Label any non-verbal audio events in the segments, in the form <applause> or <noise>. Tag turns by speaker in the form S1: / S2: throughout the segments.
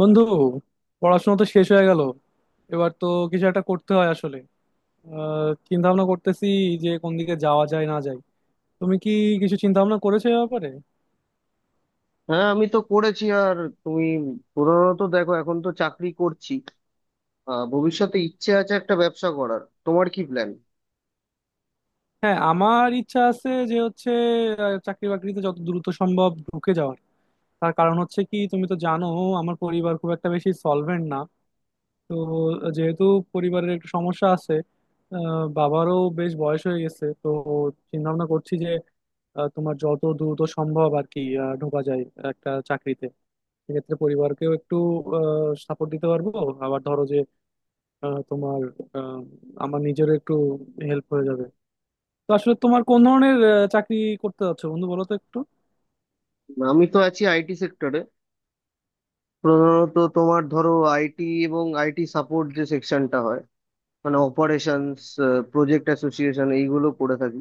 S1: বন্ধু, পড়াশোনা তো শেষ হয়ে গেল, এবার তো কিছু একটা করতে হয়। আসলে চিন্তা ভাবনা করতেছি যে কোন দিকে যাওয়া যায় না যায়। তুমি কি কিছু চিন্তা ভাবনা করেছো এ ব্যাপারে?
S2: হ্যাঁ, আমি তো করেছি। আর তুমি? প্রধানত দেখো, এখন তো চাকরি করছি। ভবিষ্যতে ইচ্ছে আছে একটা ব্যবসা করার। তোমার কি প্ল্যান?
S1: হ্যাঁ, আমার ইচ্ছা আছে যে হচ্ছে চাকরি বাকরিতে যত দ্রুত সম্ভব ঢুকে যাওয়ার। তার কারণ হচ্ছে কি, তুমি তো জানো আমার পরিবার খুব একটা বেশি সলভেন্ট না। তো যেহেতু পরিবারের একটু সমস্যা আছে, বাবারও বেশ বয়স হয়ে গেছে, তো চিন্তা ভাবনা করছি তোমার যত দ্রুত সম্ভব আর কি ঢোকা যায় একটা চাকরিতে। সেক্ষেত্রে পরিবারকেও একটু সাপোর্ট দিতে পারবো। আবার ধরো যে তোমার আহ, আমার নিজেরও একটু হেল্প হয়ে যাবে। তো আসলে তোমার কোন ধরনের চাকরি করতে যাচ্ছো বন্ধু, বলো তো একটু।
S2: আমি তো আছি আইটি সেক্টরে। প্রধানত তোমার ধরো আইটি এবং আইটি সাপোর্ট যে সেকশনটা হয়, মানে অপারেশনস, প্রজেক্ট অ্যাসোসিয়েশন এইগুলো করে থাকি।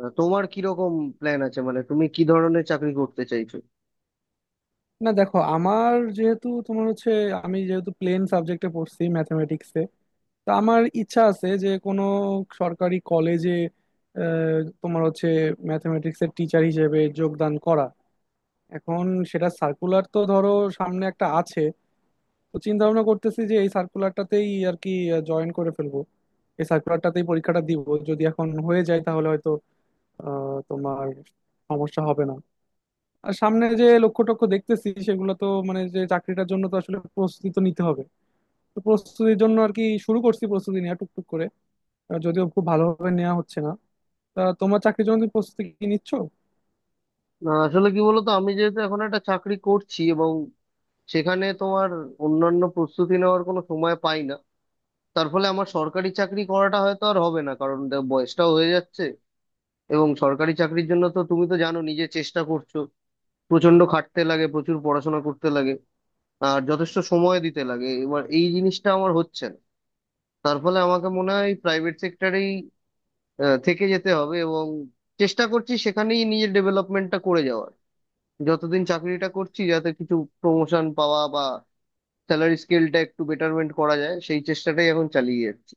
S2: তোমার কি রকম প্ল্যান আছে, মানে তুমি কি ধরনের চাকরি করতে চাইছো?
S1: না দেখো, আমার যেহেতু তোমার হচ্ছে, আমি যেহেতু প্লেন সাবজেক্টে পড়ছি ম্যাথমেটিক্সে, তো আমার ইচ্ছা আছে যে কোনো সরকারি কলেজে তোমার হচ্ছে ম্যাথমেটিক্সের টিচার হিসেবে যোগদান করা। এখন সেটা সার্কুলার তো ধরো সামনে একটা আছে, তো চিন্তা ভাবনা করতেছি যে এই সার্কুলারটাতেই আর কি জয়েন করে ফেলবো, এই সার্কুলারটাতেই পরীক্ষাটা দিব। যদি এখন হয়ে যায় তাহলে হয়তো তোমার সমস্যা হবে না। আর সামনে যে লক্ষ্য টক্ষ্য দেখতেছি সেগুলো তো মানে যে চাকরিটার জন্য তো আসলে প্রস্তুতি তো নিতে হবে। তো প্রস্তুতির জন্য আর কি শুরু করছি প্রস্তুতি নেওয়া টুকটুক করে। যদিও খুব ভালোভাবে নেওয়া হচ্ছে না। তা তোমার চাকরির জন্য তুমি প্রস্তুতি কি নিচ্ছ?
S2: না, আসলে কি বলতো, আমি যেহেতু এখন একটা চাকরি করছি এবং সেখানে তোমার অন্যান্য প্রস্তুতি নেওয়ার কোনো সময় পাই না, তার ফলে আমার সরকারি চাকরি করাটা হয়তো আর হবে না। কারণ বয়সটাও হয়ে যাচ্ছে। এবং সরকারি চাকরির জন্য তো তুমি তো জানো, নিজে চেষ্টা করছো, প্রচন্ড খাটতে লাগে, প্রচুর পড়াশোনা করতে লাগে, আর যথেষ্ট সময় দিতে লাগে। এবার এই জিনিসটা আমার হচ্ছে না। তার ফলে আমাকে মনে হয় প্রাইভেট সেক্টরেই থেকে যেতে হবে, এবং চেষ্টা করছি সেখানেই নিজের ডেভেলপমেন্টটা করে যাওয়ার। যতদিন চাকরিটা করছি, যাতে কিছু প্রমোশন পাওয়া বা স্যালারি স্কেলটা একটু বেটারমেন্ট করা যায়, সেই চেষ্টাটাই এখন চালিয়ে যাচ্ছি।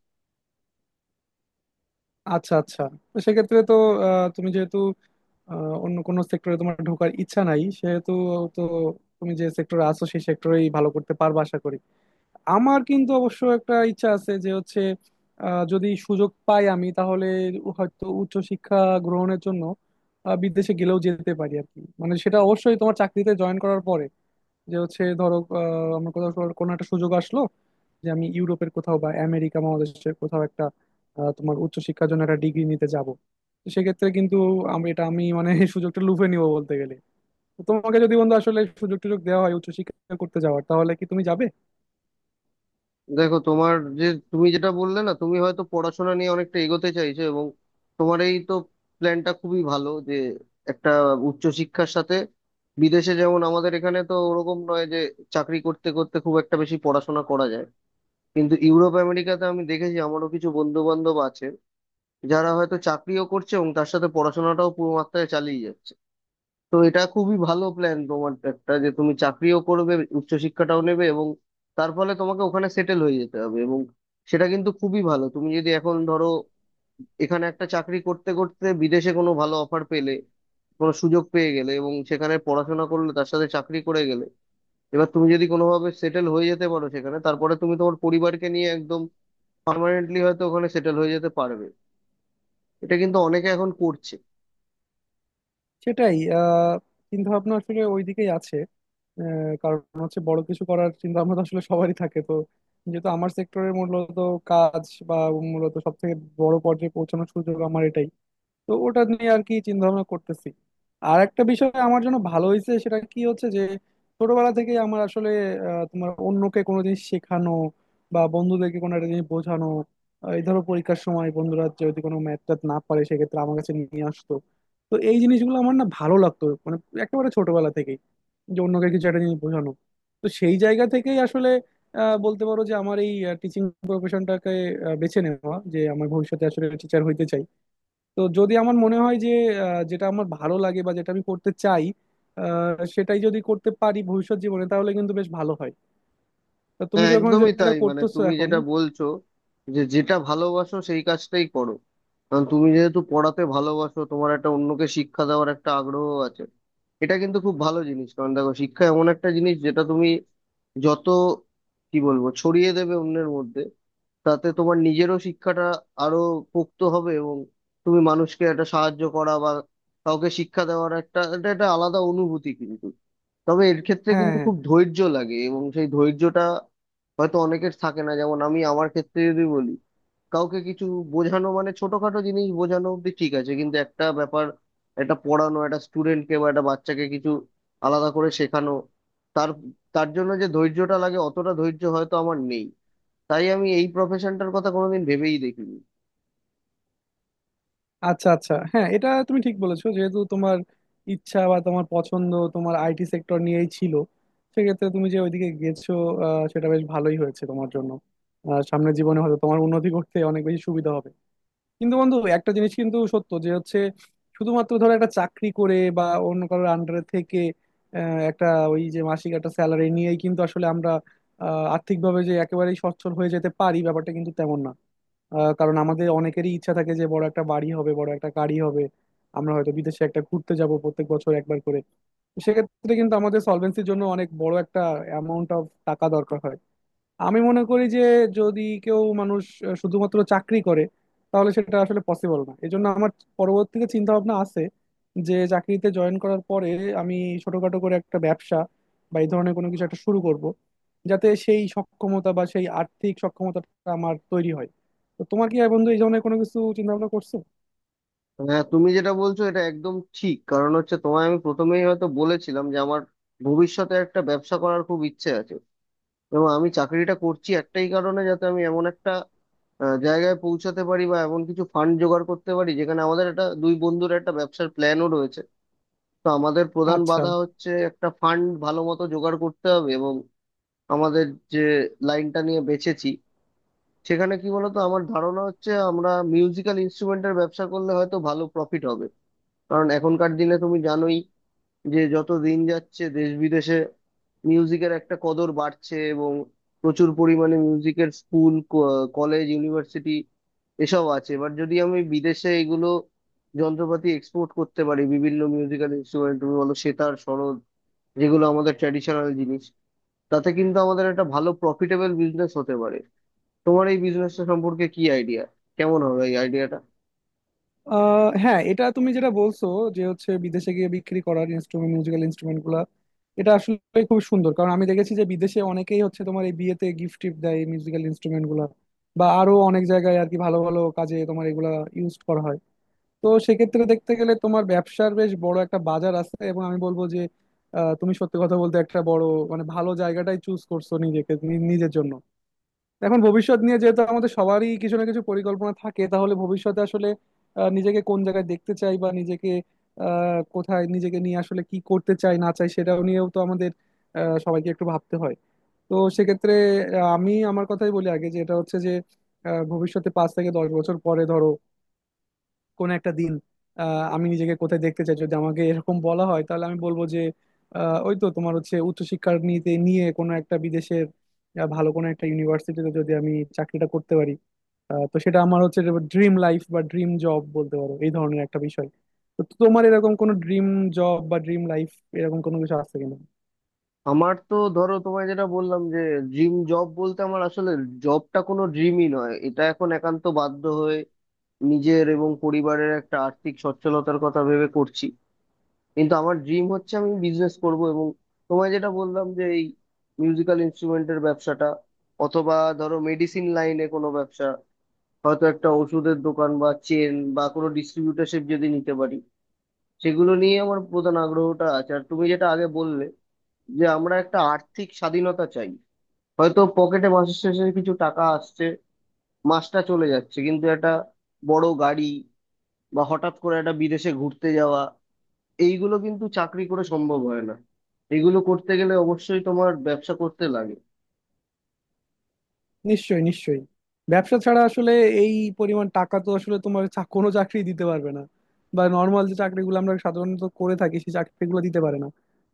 S1: আচ্ছা আচ্ছা, তো সেক্ষেত্রে তো তুমি যেহেতু অন্য কোনো সেক্টরে তোমার ঢোকার ইচ্ছা নাই, সেহেতু তো তুমি যে সেক্টরে আছো সেই সেক্টরেই ভালো করতে পারবে আশা করি। আমার কিন্তু অবশ্য একটা ইচ্ছা আছে যে হচ্ছে যদি সুযোগ পাই আমি, তাহলে হয়তো উচ্চশিক্ষা গ্রহণের জন্য বিদেশে গেলেও যেতে পারি আর কি। মানে সেটা অবশ্যই তোমার চাকরিতে জয়েন করার পরে, যে হচ্ছে ধরো আমার কোথাও কোনো একটা সুযোগ আসলো, যে আমি ইউরোপের কোথাও বা আমেরিকা মহাদেশের কোথাও একটা তোমার উচ্চশিক্ষার জন্য একটা ডিগ্রি নিতে যাব। তো সেক্ষেত্রে কিন্তু আমি এটা, আমি মানে <laughs> এই সুযোগটা লুফে নিব বলতে গেলে। তো তোমাকে যদি বন্ধু আসলে সুযোগ টুযোগ দেওয়া হয় উচ্চশিক্ষা করতে যাওয়ার, তাহলে কি তুমি যাবে?
S2: দেখো, তোমার যে, তুমি যেটা বললে না, তুমি হয়তো পড়াশোনা নিয়ে অনেকটা এগোতে চাইছো, এবং তোমার এই তো প্ল্যানটা খুবই ভালো। যে একটা উচ্চশিক্ষার সাথে বিদেশে, যেমন আমাদের এখানে তো ওরকম নয় যে চাকরি করতে করতে খুব একটা বেশি পড়াশোনা করা যায়, কিন্তু ইউরোপ আমেরিকাতে আমি দেখেছি, আমারও কিছু বন্ধু বান্ধব আছে যারা হয়তো চাকরিও করছে এবং তার সাথে পড়াশোনাটাও পুরো মাত্রায় চালিয়ে যাচ্ছে। তো এটা খুবই ভালো প্ল্যান তোমার একটা, যে তুমি চাকরিও করবে, উচ্চশিক্ষাটাও নেবে, এবং তার ফলে তোমাকে ওখানে সেটেল হয়ে যেতে হবে। এবং সেটা কিন্তু খুবই ভালো। তুমি যদি এখন ধরো এখানে একটা চাকরি করতে করতে বিদেশে কোনো ভালো অফার পেলে, কোনো সুযোগ পেয়ে গেলে, এবং সেখানে পড়াশোনা করলে, তার সাথে চাকরি করে গেলে, এবার তুমি যদি কোনোভাবে সেটেল হয়ে যেতে পারো সেখানে, তারপরে তুমি তোমার পরিবারকে নিয়ে একদম পার্মানেন্টলি হয়তো ওখানে সেটেল হয়ে যেতে পারবে। এটা কিন্তু অনেকে এখন করছে।
S1: সেটাই আহ, চিন্তা ভাবনা আসলে ওইদিকেই আছে। কারণ হচ্ছে বড় কিছু করার চিন্তা ভাবনা তো আসলে সবারই থাকে। তো যেহেতু আমার সেক্টরের মূলত কাজ বা মূলত সব থেকে বড় পর্যায়ে পৌঁছানোর সুযোগ আমার এটাই, তো ওটা নিয়ে আর কি চিন্তা ভাবনা করতেছি। আর একটা বিষয় আমার জন্য ভালো হয়েছে, সেটা কি হচ্ছে যে ছোটবেলা থেকে আমার আসলে তোমার অন্যকে কোনো জিনিস শেখানো বা বন্ধুদেরকে কোনো একটা জিনিস বোঝানো, এই ধরো পরীক্ষার সময় বন্ধুরা যদি কোনো ম্যাথ ট্যাথ না পারে সেক্ষেত্রে আমার কাছে নিয়ে আসতো। তো এই জিনিসগুলো আমার না ভালো লাগতো, মানে একেবারে ছোটবেলা থেকেই, যে অন্যকে কিছু একটা জিনিস বোঝানো। তো সেই জায়গা থেকেই আসলে বলতে পারো যে আমার এই টিচিং প্রফেশনটাকে বেছে নেওয়া, যে আমার ভবিষ্যতে আসলে টিচার হইতে চাই। তো যদি আমার মনে হয় যে যেটা আমার ভালো লাগে বা যেটা আমি করতে চাই, সেটাই যদি করতে পারি ভবিষ্যৎ জীবনে, তাহলে কিন্তু বেশ ভালো হয়। তো তুমি
S2: হ্যাঁ,
S1: যখন
S2: একদমই
S1: যেটা
S2: তাই। মানে
S1: করতেছো
S2: তুমি
S1: এখন।
S2: যেটা বলছো যে যেটা ভালোবাসো সেই কাজটাই করো, কারণ তুমি যেহেতু পড়াতে ভালোবাসো, তোমার একটা অন্যকে শিক্ষা দেওয়ার একটা আগ্রহ আছে। এটা কিন্তু খুব ভালো জিনিস। কারণ দেখো, শিক্ষা এমন একটা জিনিস যেটা তুমি যত, কি বলবো, ছড়িয়ে দেবে অন্যের মধ্যে, তাতে তোমার নিজেরও শিক্ষাটা আরো পোক্ত হবে। এবং তুমি মানুষকে একটা সাহায্য করা বা কাউকে শিক্ষা দেওয়ার একটা, এটা একটা আলাদা অনুভূতি কিন্তু। তবে এর ক্ষেত্রে
S1: হ্যাঁ
S2: কিন্তু
S1: হ্যাঁ।
S2: খুব ধৈর্য লাগে, এবং সেই ধৈর্যটা হয়তো অনেকের থাকে না। যেমন আমি, আমার ক্ষেত্রে যদি বলি, কাউকে কিছু বোঝানো, মানে ছোটখাটো জিনিস বোঝানো অব্দি ঠিক আছে, কিন্তু একটা ব্যাপার, একটা পড়ানো, একটা স্টুডেন্টকে বা একটা বাচ্চাকে কিছু আলাদা করে শেখানো, তার তার জন্য যে ধৈর্যটা লাগে, অতটা ধৈর্য হয়তো আমার নেই। তাই আমি এই প্রফেশনটার কথা কোনোদিন ভেবেই দেখিনি।
S1: আচ্ছা আচ্ছা, হ্যাঁ, এটা তুমি ঠিক বলেছো। যেহেতু তোমার ইচ্ছা বা তোমার পছন্দ তোমার আইটি সেক্টর নিয়েই ছিল, সেক্ষেত্রে তুমি যে ওইদিকে গেছো সেটা বেশ ভালোই হয়েছে তোমার জন্য। সামনের জীবনে হয়তো তোমার উন্নতি করতে অনেক বেশি সুবিধা হবে। কিন্তু বন্ধু, একটা জিনিস কিন্তু সত্য, যে হচ্ছে শুধুমাত্র ধরো একটা চাকরি করে বা অন্য কারোর আন্ডারে থেকে একটা ওই যে মাসিক একটা স্যালারি নিয়েই কিন্তু আসলে আমরা আর্থিকভাবে যে একেবারেই সচ্ছল হয়ে যেতে পারি, ব্যাপারটা কিন্তু তেমন না। কারণ আমাদের অনেকেরই ইচ্ছা থাকে যে বড় একটা বাড়ি হবে, বড় একটা গাড়ি হবে, আমরা হয়তো বিদেশে একটা ঘুরতে যাব প্রত্যেক বছর একবার করে। সেক্ষেত্রে কিন্তু আমাদের সলভেন্সির জন্য অনেক বড় একটা অ্যামাউন্ট অফ টাকা দরকার হয়। আমি মনে করি যে যদি কেউ মানুষ শুধুমাত্র চাকরি করে তাহলে সেটা আসলে পসিবল না। এজন্য আমার পরবর্তীতে চিন্তা ভাবনা আছে যে চাকরিতে জয়েন করার পরে আমি ছোটখাটো করে একটা ব্যবসা বা এই ধরনের কোনো কিছু একটা শুরু করব, যাতে সেই সক্ষমতা বা সেই আর্থিক সক্ষমতাটা আমার তৈরি হয়। তো তোমার কি বন্ধু এই ধরনের কোনো কিছু চিন্তা ভাবনা করছো?
S2: হ্যাঁ, তুমি যেটা বলছো এটা একদম ঠিক। কারণ হচ্ছে, তোমায় আমি প্রথমেই হয়তো বলেছিলাম যে আমার ভবিষ্যতে একটা ব্যবসা করার খুব ইচ্ছে আছে। এবং আমি চাকরিটা করছি একটাই কারণে, যাতে আমি এমন একটা জায়গায় পৌঁছাতে পারি বা এমন কিছু ফান্ড জোগাড় করতে পারি, যেখানে আমাদের একটা দুই বন্ধুর একটা ব্যবসার প্ল্যানও রয়েছে। তো আমাদের প্রধান
S1: আচ্ছা।
S2: বাধা হচ্ছে একটা ফান্ড ভালো মতো জোগাড় করতে হবে। এবং আমাদের যে লাইনটা নিয়ে বেছেছি, সেখানে কি বলতো, আমার ধারণা হচ্ছে আমরা মিউজিক্যাল ইনস্ট্রুমেন্টের ব্যবসা করলে হয়তো ভালো প্রফিট হবে। কারণ এখনকার দিনে তুমি জানোই যে যত দিন যাচ্ছে দেশ বিদেশে মিউজিকের একটা কদর বাড়ছে, এবং প্রচুর পরিমাণে মিউজিকের স্কুল, কলেজ, ইউনিভার্সিটি এসব আছে। এবার যদি আমি বিদেশে এগুলো যন্ত্রপাতি এক্সপোর্ট করতে পারি, বিভিন্ন মিউজিক্যাল ইনস্ট্রুমেন্ট, তুমি বলো সেতার, সরোদ, যেগুলো আমাদের ট্র্যাডিশনাল জিনিস, তাতে কিন্তু আমাদের একটা ভালো প্রফিটেবল বিজনেস হতে পারে। তোমার এই বিজনেসটা সম্পর্কে কি আইডিয়া? কেমন হবে এই আইডিয়াটা?
S1: আহ হ্যাঁ, এটা তুমি যেটা বলছো যে হচ্ছে বিদেশে গিয়ে বিক্রি করার ইনস্ট্রুমেন্ট, মিউজিক্যাল ইনস্ট্রুমেন্ট গুলা, এটা আসলে খুব সুন্দর। কারণ আমি দেখেছি যে বিদেশে অনেকেই হচ্ছে তোমার এই বিয়েতে গিফট টিফট দেয় মিউজিক্যাল ইনস্ট্রুমেন্ট গুলা, বা আরো অনেক জায়গায় আর কি ভালো ভালো কাজে তোমার এগুলা ইউজ করা হয়। তো সেক্ষেত্রে দেখতে গেলে তোমার ব্যবসার বেশ বড় একটা বাজার আছে। এবং আমি বলবো যে তুমি সত্যি কথা বলতে একটা বড় মানে ভালো জায়গাটাই চুজ করছো নিজেকে, নি- নিজের জন্য। এখন ভবিষ্যৎ নিয়ে যেহেতু আমাদের সবারই কিছু না কিছু পরিকল্পনা থাকে, তাহলে ভবিষ্যতে আসলে নিজেকে কোন জায়গায় দেখতে চাই বা নিজেকে কোথায় নিজেকে নিয়ে আসলে কি করতে চাই না চাই, সেটাও নিয়েও তো আমাদের সবাইকে একটু ভাবতে হয়। তো সেক্ষেত্রে আমি আমার কথাই বলি আগে, যে এটা হচ্ছে যে ভবিষ্যতে 5 থেকে 10 বছর পরে ধরো কোন একটা দিন আমি নিজেকে কোথায় দেখতে চাই, যদি আমাকে এরকম বলা হয় তাহলে আমি বলবো যে ওই তো তোমার হচ্ছে উচ্চশিক্ষা নিতে নিয়ে কোনো একটা বিদেশের ভালো কোনো একটা ইউনিভার্সিটিতে যদি আমি চাকরিটা করতে পারি, তো সেটা আমার হচ্ছে ড্রিম লাইফ বা ড্রিম জব বলতে পারো, এই ধরনের একটা বিষয়। তো তোমার এরকম কোনো ড্রিম জব বা ড্রিম লাইফ এরকম কোনো কিছু আছে কিনা?
S2: আমার তো, ধরো তোমায় যেটা বললাম যে ড্রিম জব বলতে, আমার আসলে জবটা কোনো ড্রিমই নয়। এটা এখন একান্ত বাধ্য হয়ে নিজের এবং পরিবারের একটা আর্থিক সচ্ছলতার কথা ভেবে করছি। কিন্তু আমার ড্রিম হচ্ছে আমি বিজনেস করব। এবং তোমায় যেটা বললাম যে এই মিউজিক্যাল ইনস্ট্রুমেন্টের ব্যবসাটা, অথবা ধরো মেডিসিন লাইনে কোনো ব্যবসা, হয়তো একটা ওষুধের দোকান বা চেন বা কোনো ডিস্ট্রিবিউটারশিপ যদি নিতে পারি, সেগুলো নিয়ে আমার প্রধান আগ্রহটা আছে। আর তুমি যেটা আগে বললে যে আমরা একটা আর্থিক স্বাধীনতা চাই, হয়তো পকেটে মাসের শেষে কিছু টাকা আসছে, মাসটা চলে যাচ্ছে, কিন্তু একটা বড় গাড়ি বা হঠাৎ করে একটা বিদেশে ঘুরতে যাওয়া, এইগুলো কিন্তু চাকরি করে সম্ভব হয় না। এগুলো করতে গেলে অবশ্যই তোমার ব্যবসা করতে লাগে।
S1: নিশ্চয়ই, নিশ্চয়ই। ব্যবসা ছাড়া আসলে এই পরিমাণ টাকা তো আসলে তোমার চা- কোনো চাকরি দিতে পারবে না, বা নর্মাল যে চাকরিগুলো আমরা সাধারণত করে থাকি সেই চাকরিগুলো দিতে পারে না।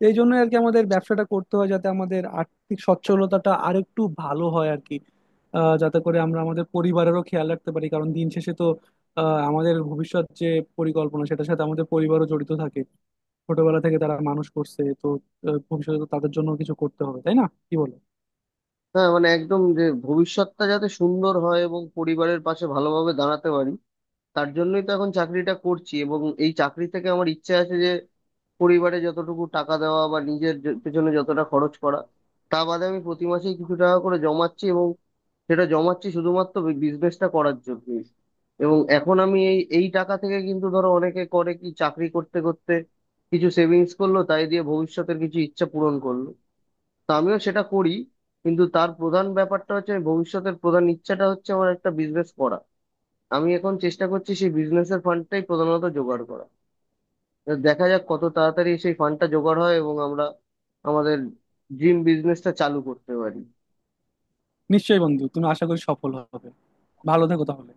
S1: এই জন্য আর কি আমাদের ব্যবসাটা করতে হয়, যাতে আমাদের আর্থিক সচ্ছলতাটা আরেকটু ভালো হয় আর কি। যাতে করে আমরা আমাদের পরিবারেরও খেয়াল রাখতে পারি। কারণ দিন শেষে তো আমাদের ভবিষ্যৎ যে পরিকল্পনা সেটার সাথে আমাদের পরিবারও জড়িত থাকে। ছোটবেলা থেকে তারা মানুষ করছে তো, ভবিষ্যতে তো তাদের জন্য কিছু করতে হবে, তাই না, কি বলো?
S2: হ্যাঁ, মানে একদম, যে ভবিষ্যৎটা যাতে সুন্দর হয় এবং পরিবারের পাশে ভালোভাবে দাঁড়াতে পারি, তার জন্যই তো এখন চাকরিটা করছি। এবং এই চাকরি থেকে আমার ইচ্ছে আছে যে পরিবারে যতটুকু টাকা দেওয়া বা নিজের পেছনে যতটা খরচ করা, তা বাদে আমি প্রতি মাসেই কিছু টাকা করে জমাচ্ছি। সেটা জমাচ্ছি শুধুমাত্র বিজনেসটা করার জন্য। এবং এখন আমি এই এই টাকা থেকে, কিন্তু ধরো অনেকে করে কি, চাকরি করতে করতে কিছু সেভিংস করলো, তাই দিয়ে ভবিষ্যতের কিছু ইচ্ছা পূরণ করলো, তো আমিও সেটা করি। কিন্তু তার প্রধান ব্যাপারটা হচ্ছে, আমি ভবিষ্যতের প্রধান ইচ্ছাটা হচ্ছে আমার একটা বিজনেস করা। আমি এখন চেষ্টা করছি সেই বিজনেসের ফান্ডটাই প্রধানত জোগাড় করা। তো দেখা যাক কত তাড়াতাড়ি সেই ফান্ডটা জোগাড় হয় এবং আমরা আমাদের ড্রিম বিজনেসটা চালু করতে পারি।
S1: নিশ্চয়ই বন্ধু, তুমি আশা করি সফল হবে। ভালো থেকো তাহলে।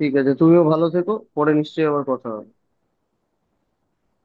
S2: ঠিক আছে, তুমিও ভালো থেকো। পরে নিশ্চয়ই আবার কথা হবে।